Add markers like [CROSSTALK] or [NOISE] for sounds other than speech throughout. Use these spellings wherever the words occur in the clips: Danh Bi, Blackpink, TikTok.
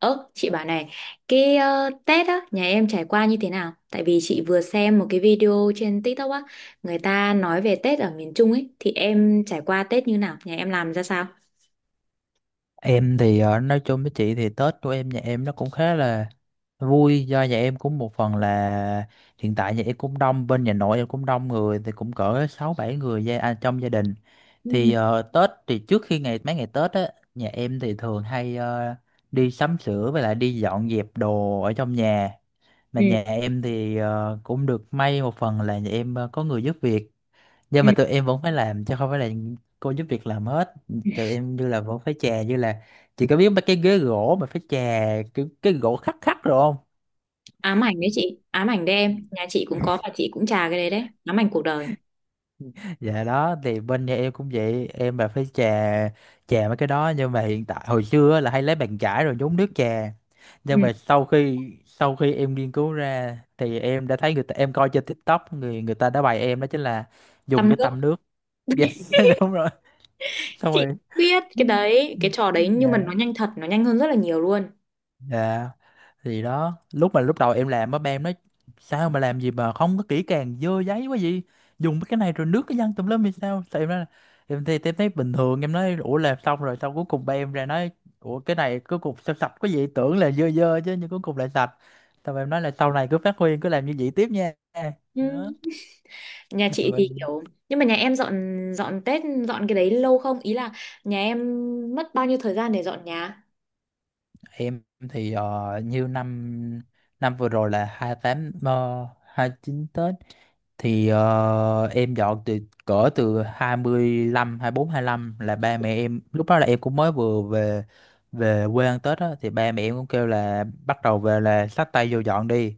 Ơ, chị bảo này, cái Tết á, nhà em trải qua như thế nào? Tại vì chị vừa xem một cái video trên TikTok á, người ta nói về Tết ở miền Trung ấy, thì em trải qua Tết như nào? Nhà em làm ra sao? Em thì nói chung với chị thì Tết của em nhà em nó cũng khá là vui, do nhà em cũng một phần là hiện tại nhà em cũng đông, bên nhà nội em cũng đông người thì cũng cỡ sáu bảy người trong gia đình. Ừ. Thì Tết thì trước khi ngày mấy ngày Tết á nhà em thì thường hay đi sắm sửa với lại đi dọn dẹp đồ ở trong nhà, mà Ừ, nhà em thì cũng được may, một phần là nhà em có người giúp việc, nhưng mà ừ. tụi em vẫn phải làm chứ không phải là cô giúp việc làm hết. Tụi em như là vẫn phải chà, như là chị có biết mấy cái ghế gỗ mà phải chà cái gỗ khắc khắc rồi không? Ám ảnh đấy chị, ám ảnh đấy em. Nhà chị cũng có và chị cũng trà cái đấy đấy, ám ảnh cuộc đời. Dạ đó thì bên nhà em cũng vậy, em là phải chà, chà mấy cái đó, nhưng mà hiện tại hồi xưa á là hay lấy bàn chải rồi nhúng nước chà, Ừ. nhưng mà sau khi em nghiên cứu ra thì em đã thấy người ta, em coi trên TikTok, người người ta đã bày em đó chính là Tăm dùng cái nước, tăm nước. Yes, [LAUGHS] đúng rồi, xong chị rồi. biết Ừ. cái đấy, Ừ. cái trò đấy Dạ. nhưng mà nó nhanh thật, nó nhanh hơn rất là nhiều luôn. Dạ. Thì đó, lúc đầu em làm á ba em nói sao mà làm gì mà không có kỹ càng, dơ giấy quá gì, dùng cái này rồi nước cái văng tùm lum thì sao, thì em nói là em thì em thấy bình thường. Em nói ủa làm xong rồi, xong cuối cùng ba em ra nói ủa cái này cuối cùng sao sạch quá vậy, tưởng là dơ dơ chứ nhưng cuối cùng lại sạch, xong em nói là sau này cứ phát huy, cứ làm như vậy tiếp nha. Ừ. Đó. Nhà chị thì Mình. kiểu nhưng mà nhà em dọn dọn Tết dọn cái đấy lâu không? Ý là nhà em mất bao nhiêu thời gian để dọn nhà? Em thì như năm năm vừa rồi là hai tám hai chín Tết thì em dọn từ cỡ từ 25 24 lăm, là ba mẹ em lúc đó là em cũng mới vừa về, về quê ăn Tết á, thì ba mẹ em cũng kêu là bắt đầu về là xách tay vô dọn đi.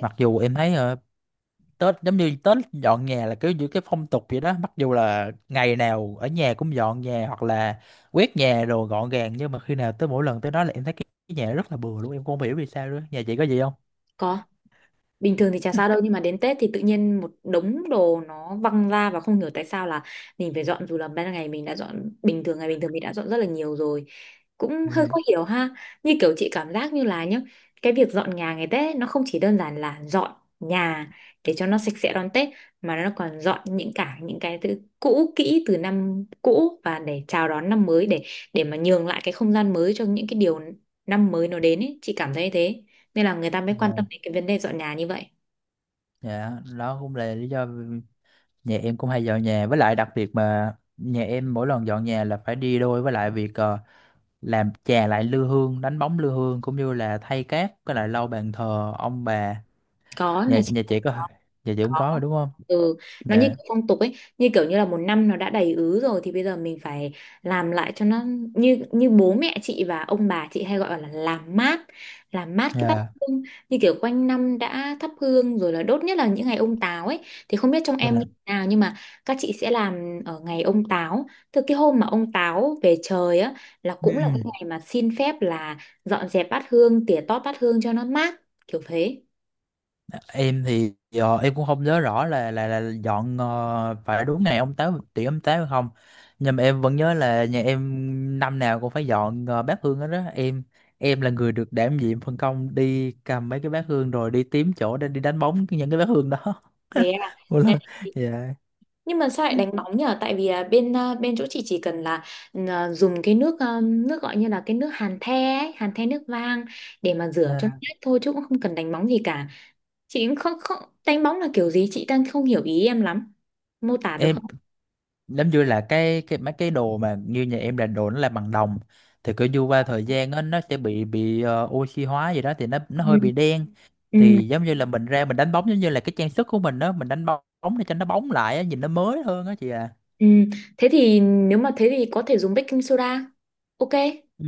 Mặc dù em thấy Tết giống như Tết dọn nhà là kiểu như cái phong tục vậy đó, mặc dù là ngày nào ở nhà cũng dọn nhà hoặc là quét nhà rồi gọn gàng, nhưng mà khi nào tới mỗi lần tới đó là em thấy cái nhà rất là bừa luôn, em cũng không hiểu vì sao nữa. Nhà chị có gì không? Có, bình thường thì chả sao đâu [LAUGHS] nhưng mà đến Tết thì tự nhiên một đống đồ nó văng ra và không hiểu tại sao là mình phải dọn, dù là ban ngày mình đã dọn bình thường, ngày bình thường mình đã dọn rất là nhiều rồi, cũng Dạ. hơi khó hiểu ha. Như kiểu chị cảm giác như là nhá, cái việc dọn nhà ngày Tết ấy, nó không chỉ đơn giản là dọn nhà để cho nó sạch sẽ đón Tết mà nó còn dọn những, cả những cái thứ cũ kỹ từ năm cũ và để chào đón năm mới, để mà nhường lại cái không gian mới cho những cái điều năm mới nó đến ấy, chị cảm thấy thế, nên là người ta mới quan tâm Dạ. đến cái vấn đề dọn nhà như vậy. Dạ, đó cũng là lý do nhà em cũng hay dọn nhà, với lại đặc biệt mà nhà em mỗi lần dọn nhà là phải đi đôi với lại việc làm chà lại lư hương, đánh bóng lư hương, cũng như là thay cát với lại lau bàn thờ ông bà. Có, nhà nhà chị nhà cũng chị có. có. Nhà chị cũng có rồi đúng không? Ừ, nó như Dạ. kiểu phong tục ấy, như kiểu như là một năm nó đã đầy ứ rồi thì bây giờ mình phải làm lại cho nó, như như bố mẹ chị và ông bà chị hay gọi là làm mát cái bát Dạ. hương, như kiểu quanh năm đã thắp hương rồi là đốt, nhất là những ngày ông Táo ấy, thì không biết trong em như Dạ. thế nào nhưng mà các chị sẽ làm ở ngày ông Táo. Từ cái hôm mà ông Táo về trời á là cũng là cái Ừm. ngày mà xin phép là dọn dẹp bát hương, tỉa tót bát hương cho nó mát, kiểu thế. Em thì em cũng không nhớ rõ là là dọn phải đúng ngày ông Táo tiễn ông Táo hay không, nhưng mà em vẫn nhớ là nhà em năm nào cũng phải dọn bát hương hết đó em. Em là người được đảm nhiệm phân công đi cầm mấy cái bát hương rồi đi tím chỗ để đi đánh bóng những cái bát hương đó. [LAUGHS] Thế Một à. lần. Dạ. Nhưng mà sao lại đánh bóng nhở? Tại vì bên chỗ chị chỉ cần là dùng cái nước, nước gọi như là cái nước hàn the ấy, hàn the nước vang để mà rửa cho À, nét thôi chứ cũng không cần đánh bóng gì cả. Chị cũng không không đánh bóng là kiểu gì, chị đang không hiểu ý em lắm. Mô tả được em không? giống như là cái mấy cái đồ mà như nhà em là đồ nó là bằng đồng, thì cứ như qua thời gian á nó sẽ bị oxy hóa gì đó thì nó hơi Ừ. bị đen. Ừ. Thì giống như là mình ra mình đánh bóng, giống như là cái trang sức của mình đó, mình đánh bóng để cho nó bóng lại á, nhìn nó mới hơn á chị à. Ừ. Thế thì nếu mà thế thì có thể dùng baking soda. Ok. Ừ.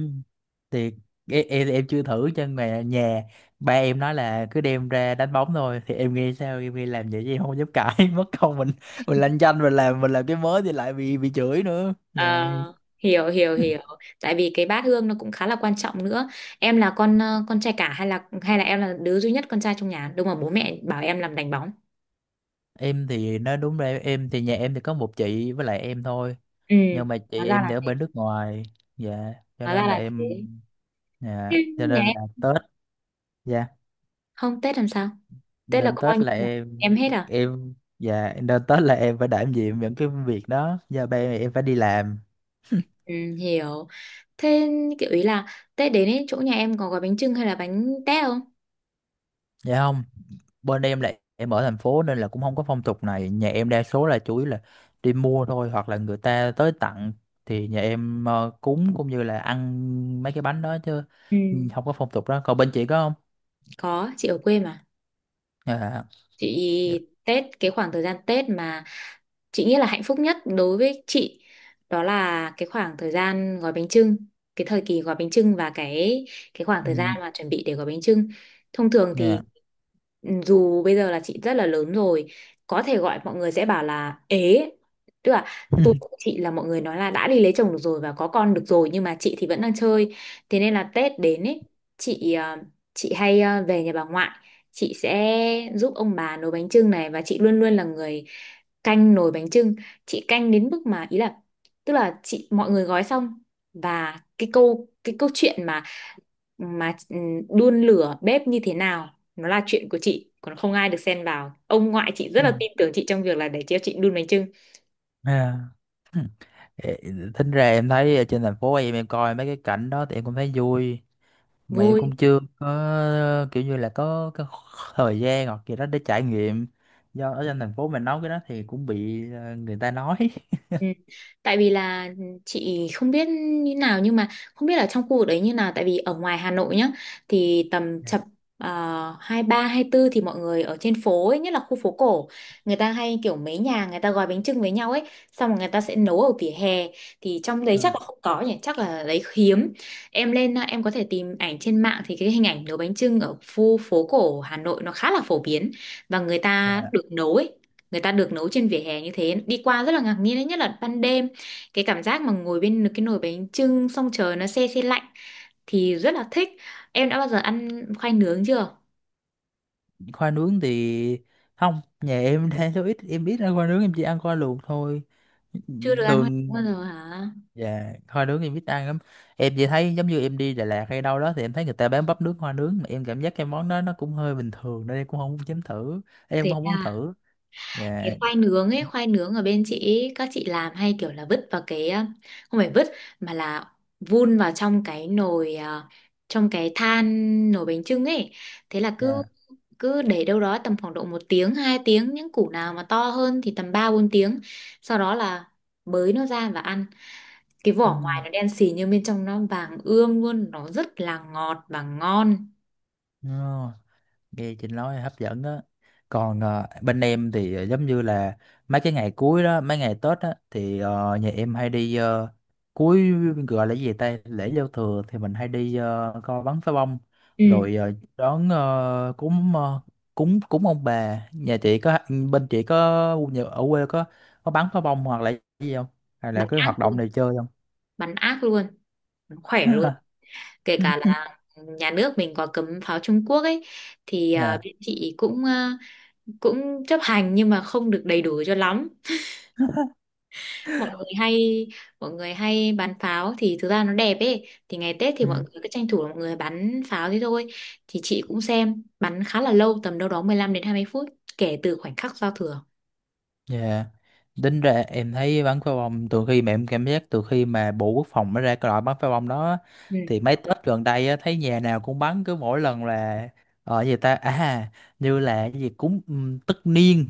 Thì em chưa thử cho nhà nhà, ba em nói là cứ đem ra đánh bóng thôi, thì em nghe sao em nghĩ làm vậy chứ em không dám cãi, [LAUGHS] mất công mình lanh chanh mình làm, mình làm cái mới thì lại bị chửi nữa. Dạ. Ờ, hiểu hiểu hiểu, tại vì cái bát hương nó cũng khá là quan trọng nữa. Em là con con trai cả hay là em là đứa duy nhất con trai trong nhà đúng mà bố mẹ bảo em làm đánh bóng? Em thì nói đúng rồi, em thì nhà em thì có một chị với lại em thôi, Ừ, nhưng mà chị hóa ra em thì là ở thế, bên nước ngoài. Dạ, cho hóa ra nên là là thế. em. Ừ, Dạ, cho nhà nên em là Tết. Dạ, không Tết làm sao, Tết là nên coi Tết như là là em. em hết à? Em. Dạ, nên Tết là em phải đảm nhiệm những cái việc đó, do ba em phải đi làm. Ừ, hiểu. Thế kiểu ý là Tết đến ấy, chỗ nhà em có gói bánh chưng hay là bánh tét không? Dạ không, bên em lại em ở thành phố nên là cũng không có phong tục này. Nhà em đa số là chủ yếu là đi mua thôi hoặc là người ta tới tặng, thì nhà em cúng cũng như là ăn mấy cái bánh đó chứ. Ừ, Ừ, không có phong tục đó. Còn bên chị có không? có, chị ở quê mà. Dạ. Dạ. Chị Tết, cái khoảng thời gian Tết mà chị nghĩ là hạnh phúc nhất đối với chị đó là cái khoảng thời gian gói bánh chưng, cái thời kỳ gói bánh chưng và cái khoảng Ừ. thời gian mà chuẩn bị để gói bánh chưng, thông thường Dạ. thì Ừ, dù bây giờ là chị rất là lớn rồi, có thể gọi mọi người sẽ bảo là ế, tức là tuổi của [LAUGHS] chị là mọi người nói là đã đi lấy chồng được rồi và có con được rồi nhưng mà chị thì vẫn đang chơi, thế nên là Tết đến ấy chị chị hay về nhà bà ngoại, chị sẽ giúp ông bà nấu bánh chưng này và chị luôn luôn là người canh nồi bánh chưng. Chị canh đến mức mà ý là tức là chị mọi người gói xong và cái câu chuyện mà mà ừ, đun lửa bếp như thế nào, nó là chuyện của chị, còn không ai được xen vào, ông ngoại chị rất Ừ. là tin tưởng chị trong việc là để cho chị đun bánh chưng. À. Ê. Tính ra em thấy ở trên thành phố em coi mấy cái cảnh đó thì em cũng thấy vui, mà em Vui. cũng chưa có kiểu như là có cái thời gian hoặc gì đó để trải nghiệm, do ở trên thành phố mình nói cái đó thì cũng bị người ta nói. Ừ. Tại vì là chị không biết như nào nhưng mà không biết ở trong khu vực đấy như nào, tại vì ở ngoài Hà Nội nhá, thì tầm Dạ. chập hai ba hai tư thì mọi người ở trên phố ấy, nhất là khu phố cổ, người ta hay kiểu mấy nhà người ta gói bánh chưng với nhau ấy, xong rồi người ta sẽ nấu ở vỉa hè. Thì trong đấy chắc Ờ. là không có nhỉ, chắc là đấy hiếm. Em lên em có thể tìm ảnh trên mạng thì cái hình ảnh nấu bánh chưng ở khu phố cổ Hà Nội nó khá là phổ biến, và người ta là được nấu ấy, người ta được nấu trên vỉa hè như thế, đi qua rất là ngạc nhiên đấy, nhất là ban đêm, cái cảm giác mà ngồi bên cái nồi bánh chưng xong trời nó se se lạnh thì rất là thích. Em đã bao giờ ăn khoai nướng chưa? khoai nướng thì không, nhà em [LAUGHS] đang số ít, em ít ăn khoai nướng, em chỉ ăn khoai luộc thôi Chưa được ăn khoai thường. nướng bao giờ hả? Dạ, khoai nướng em ít ăn lắm, em chỉ thấy giống như em đi Đà Lạt hay đâu đó thì em thấy người ta bán bắp nước khoai nướng, mà em cảm giác cái món đó nó cũng hơi bình thường nên em cũng không muốn chấm thử, em Thế cũng không muốn à. thử. Cái Dạ. khoai nướng ấy, khoai nướng ở bên chị ấy, các chị làm hay kiểu là vứt vào cái không phải vứt mà là vun vào trong cái nồi, trong cái than nồi bánh chưng ấy, thế là cứ Dạ. cứ để đâu đó tầm khoảng độ một tiếng hai tiếng, những củ nào mà to hơn thì tầm ba bốn tiếng, sau đó là bới nó ra và ăn, cái vỏ ngoài nó đen xì nhưng bên trong nó vàng ươm luôn, nó rất là ngọt và ngon. Ừ. Nghe chị nói hấp dẫn đó. Còn bên em thì giống như là mấy cái ngày cuối đó, mấy ngày Tết á thì nhà em hay đi ờ, cuối gọi là cái gì ta lễ giao thừa, thì mình hay đi coi bắn pháo bông, Ừ. rồi đón cúng cúng cúng ông bà. Nhà chị có? Bên chị có ở quê có bắn pháo bông hoặc là cái gì không, hay là Bắn cái ác hoạt động luôn, này chơi không? bắn ác luôn, nó khỏe luôn. Kể cả [LAUGHS] là nhà nước mình có cấm pháo Trung Quốc ấy, thì Nè. bên chị cũng cũng chấp hành nhưng mà không được đầy đủ cho lắm, mọi người hay mọi người hay bắn pháo, thì thực ra nó đẹp ấy, thì ngày Tết thì mọi Ừ. người cứ tranh thủ là mọi người bắn pháo thế thôi. Thì chị cũng xem bắn khá là lâu, tầm đâu đó 15 đến 20 phút kể từ khoảnh khắc giao thừa. Dạ. Tính ra em thấy bắn pháo bông từ khi mà em cảm giác từ khi mà Bộ Quốc phòng nó ra cái loại bắn pháo bông đó á, Ừ. thì mấy Tết gần đây á, thấy nhà nào cũng bắn. Cứ mỗi lần là ở gì ta à, như là cái gì cúng tất niên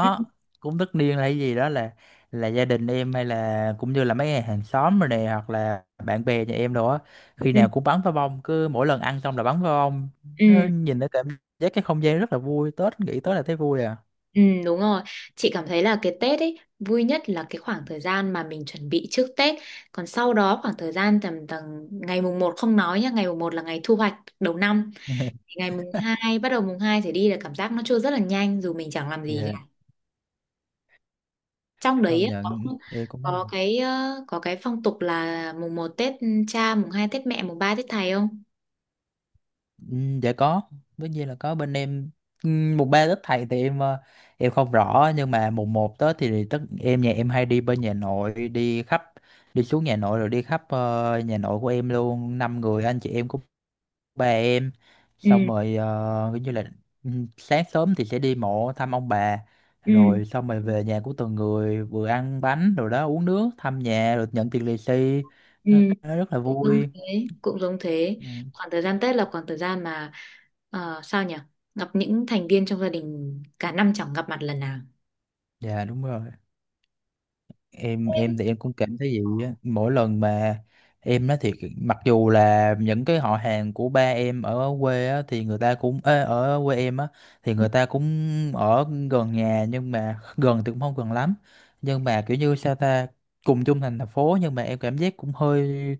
Ừ. cúng tất niên là cái gì đó, là gia đình em hay là cũng như là mấy hàng xóm rồi này hoặc là bạn bè nhà em đồ á, khi Ừ. nào cũng bắn pháo bông, cứ mỗi lần ăn xong là bắn pháo bông. Nó Ừ. nhìn nó cảm giác cái không gian rất là vui, Tết nghĩ tới là thấy vui à. Ừ, đúng rồi. Chị cảm thấy là cái Tết ấy vui nhất là cái khoảng thời gian mà mình chuẩn bị trước Tết. Còn sau đó khoảng thời gian tầm tầm ngày mùng một không nói nhá, ngày mùng một là ngày thu hoạch đầu năm. [LAUGHS] Thì ngày mùng hai, bắt đầu mùng 2 trở đi là cảm giác nó trôi rất là nhanh dù mình chẳng làm gì Dạ. cả. Trong đấy Công ấy, nhận thì cũng thấy. có cái có cái phong tục là mùng một Tết cha, mùng 2 Tết mẹ, mùng 3 Tết thầy không? Ừ. Dạ có, tất nhiên là có bên em. Ừ, mùng ba Tết thầy thì em em không rõ, nhưng mà mùng một Tết thì tất em nhà em hay đi bên nhà nội, đi khắp, đi xuống nhà nội rồi đi khắp nhà nội của em luôn năm người anh chị em của ba em. Ừ, Xong rồi kiểu như là ừ, sáng sớm thì sẽ đi mộ thăm ông bà, ừ, rồi xong rồi về nhà của từng người, vừa ăn bánh rồi đó uống nước thăm nhà rồi nhận tiền lì xì, ừ. nó rất là Cũng giống vui. thế, cũng giống thế. Ừ. Khoảng thời gian Tết là khoảng thời gian mà sao nhỉ, gặp những thành viên trong gia đình cả năm chẳng gặp mặt lần nào. Dạ đúng rồi, em thì em cũng cảm thấy vậy á, mỗi lần mà em nói thiệt mặc dù là những cái họ hàng của ba em ở quê á thì người ta cũng ê, ở quê em á thì Ừ, người ta cũng ở gần nhà, nhưng mà [LAUGHS] gần thì cũng không gần lắm, nhưng mà kiểu như sao ta, cùng chung thành thành phố nhưng mà em cảm giác cũng hơi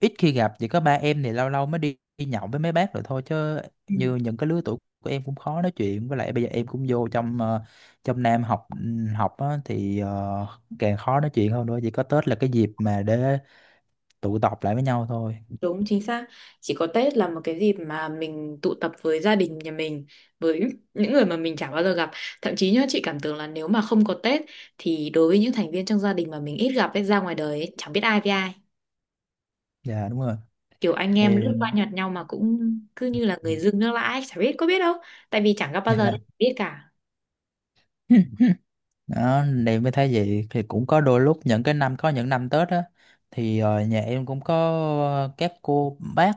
ít khi gặp, chỉ có ba em thì lâu lâu mới đi nhậu với mấy bác rồi thôi chứ. ừ, Như những cái lứa tuổi của em cũng khó nói chuyện, với lại bây giờ em cũng vô trong trong Nam học, học á, thì càng khó nói chuyện hơn nữa, chỉ có Tết là cái dịp mà để tụ tập lại với nhau thôi. Đúng chính xác, chỉ có Tết là một cái dịp mà mình tụ tập với gia đình nhà mình, với những người mà mình chả bao giờ gặp. Thậm chí nhá, chị cảm tưởng là nếu mà không có Tết thì đối với những thành viên trong gia đình mà mình ít gặp ấy, ra ngoài đời ấy, chẳng biết ai với ai, Dạ đúng rồi. kiểu anh em lướt qua Em. nhặt nhau mà cũng cứ như là Ừ. người dưng nước lã ấy, chả biết có biết đâu, tại vì chẳng gặp bao Dạ. giờ đâu biết cả. [LAUGHS] đó em mới thấy vậy, thì cũng có đôi lúc những cái năm, có những năm Tết á thì nhà em cũng có các cô bác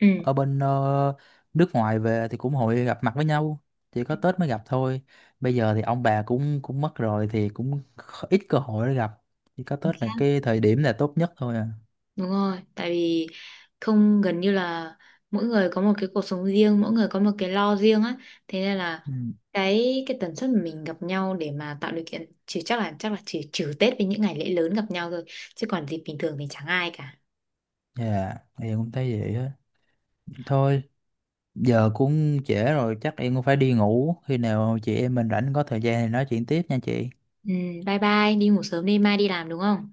Ừ, ở bên nước ngoài về thì cũng hội gặp mặt với nhau, chỉ có Tết mới gặp thôi. Bây giờ thì ông bà cũng cũng mất rồi, thì cũng ít cơ hội để gặp, chỉ có chính Tết là xác, cái thời điểm là tốt nhất thôi à. đúng rồi, tại vì không gần như là mỗi người có một cái cuộc sống riêng, mỗi người có một cái lo riêng á, thế nên là Ừ. Cái tần suất mà mình gặp nhau để mà tạo điều kiện chỉ chắc là chỉ trừ Tết với những ngày lễ lớn gặp nhau thôi, chứ còn dịp bình thường thì chẳng ai cả. Dạ em cũng thấy vậy á thôi. Giờ cũng trễ rồi, chắc em cũng phải đi ngủ. Khi nào chị em mình rảnh có thời gian thì nói chuyện tiếp nha chị. Ừ, bye bye, đi ngủ sớm đi, mai đi làm đúng không?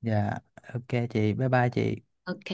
Dạ, ok chị, bye bye chị. Ok.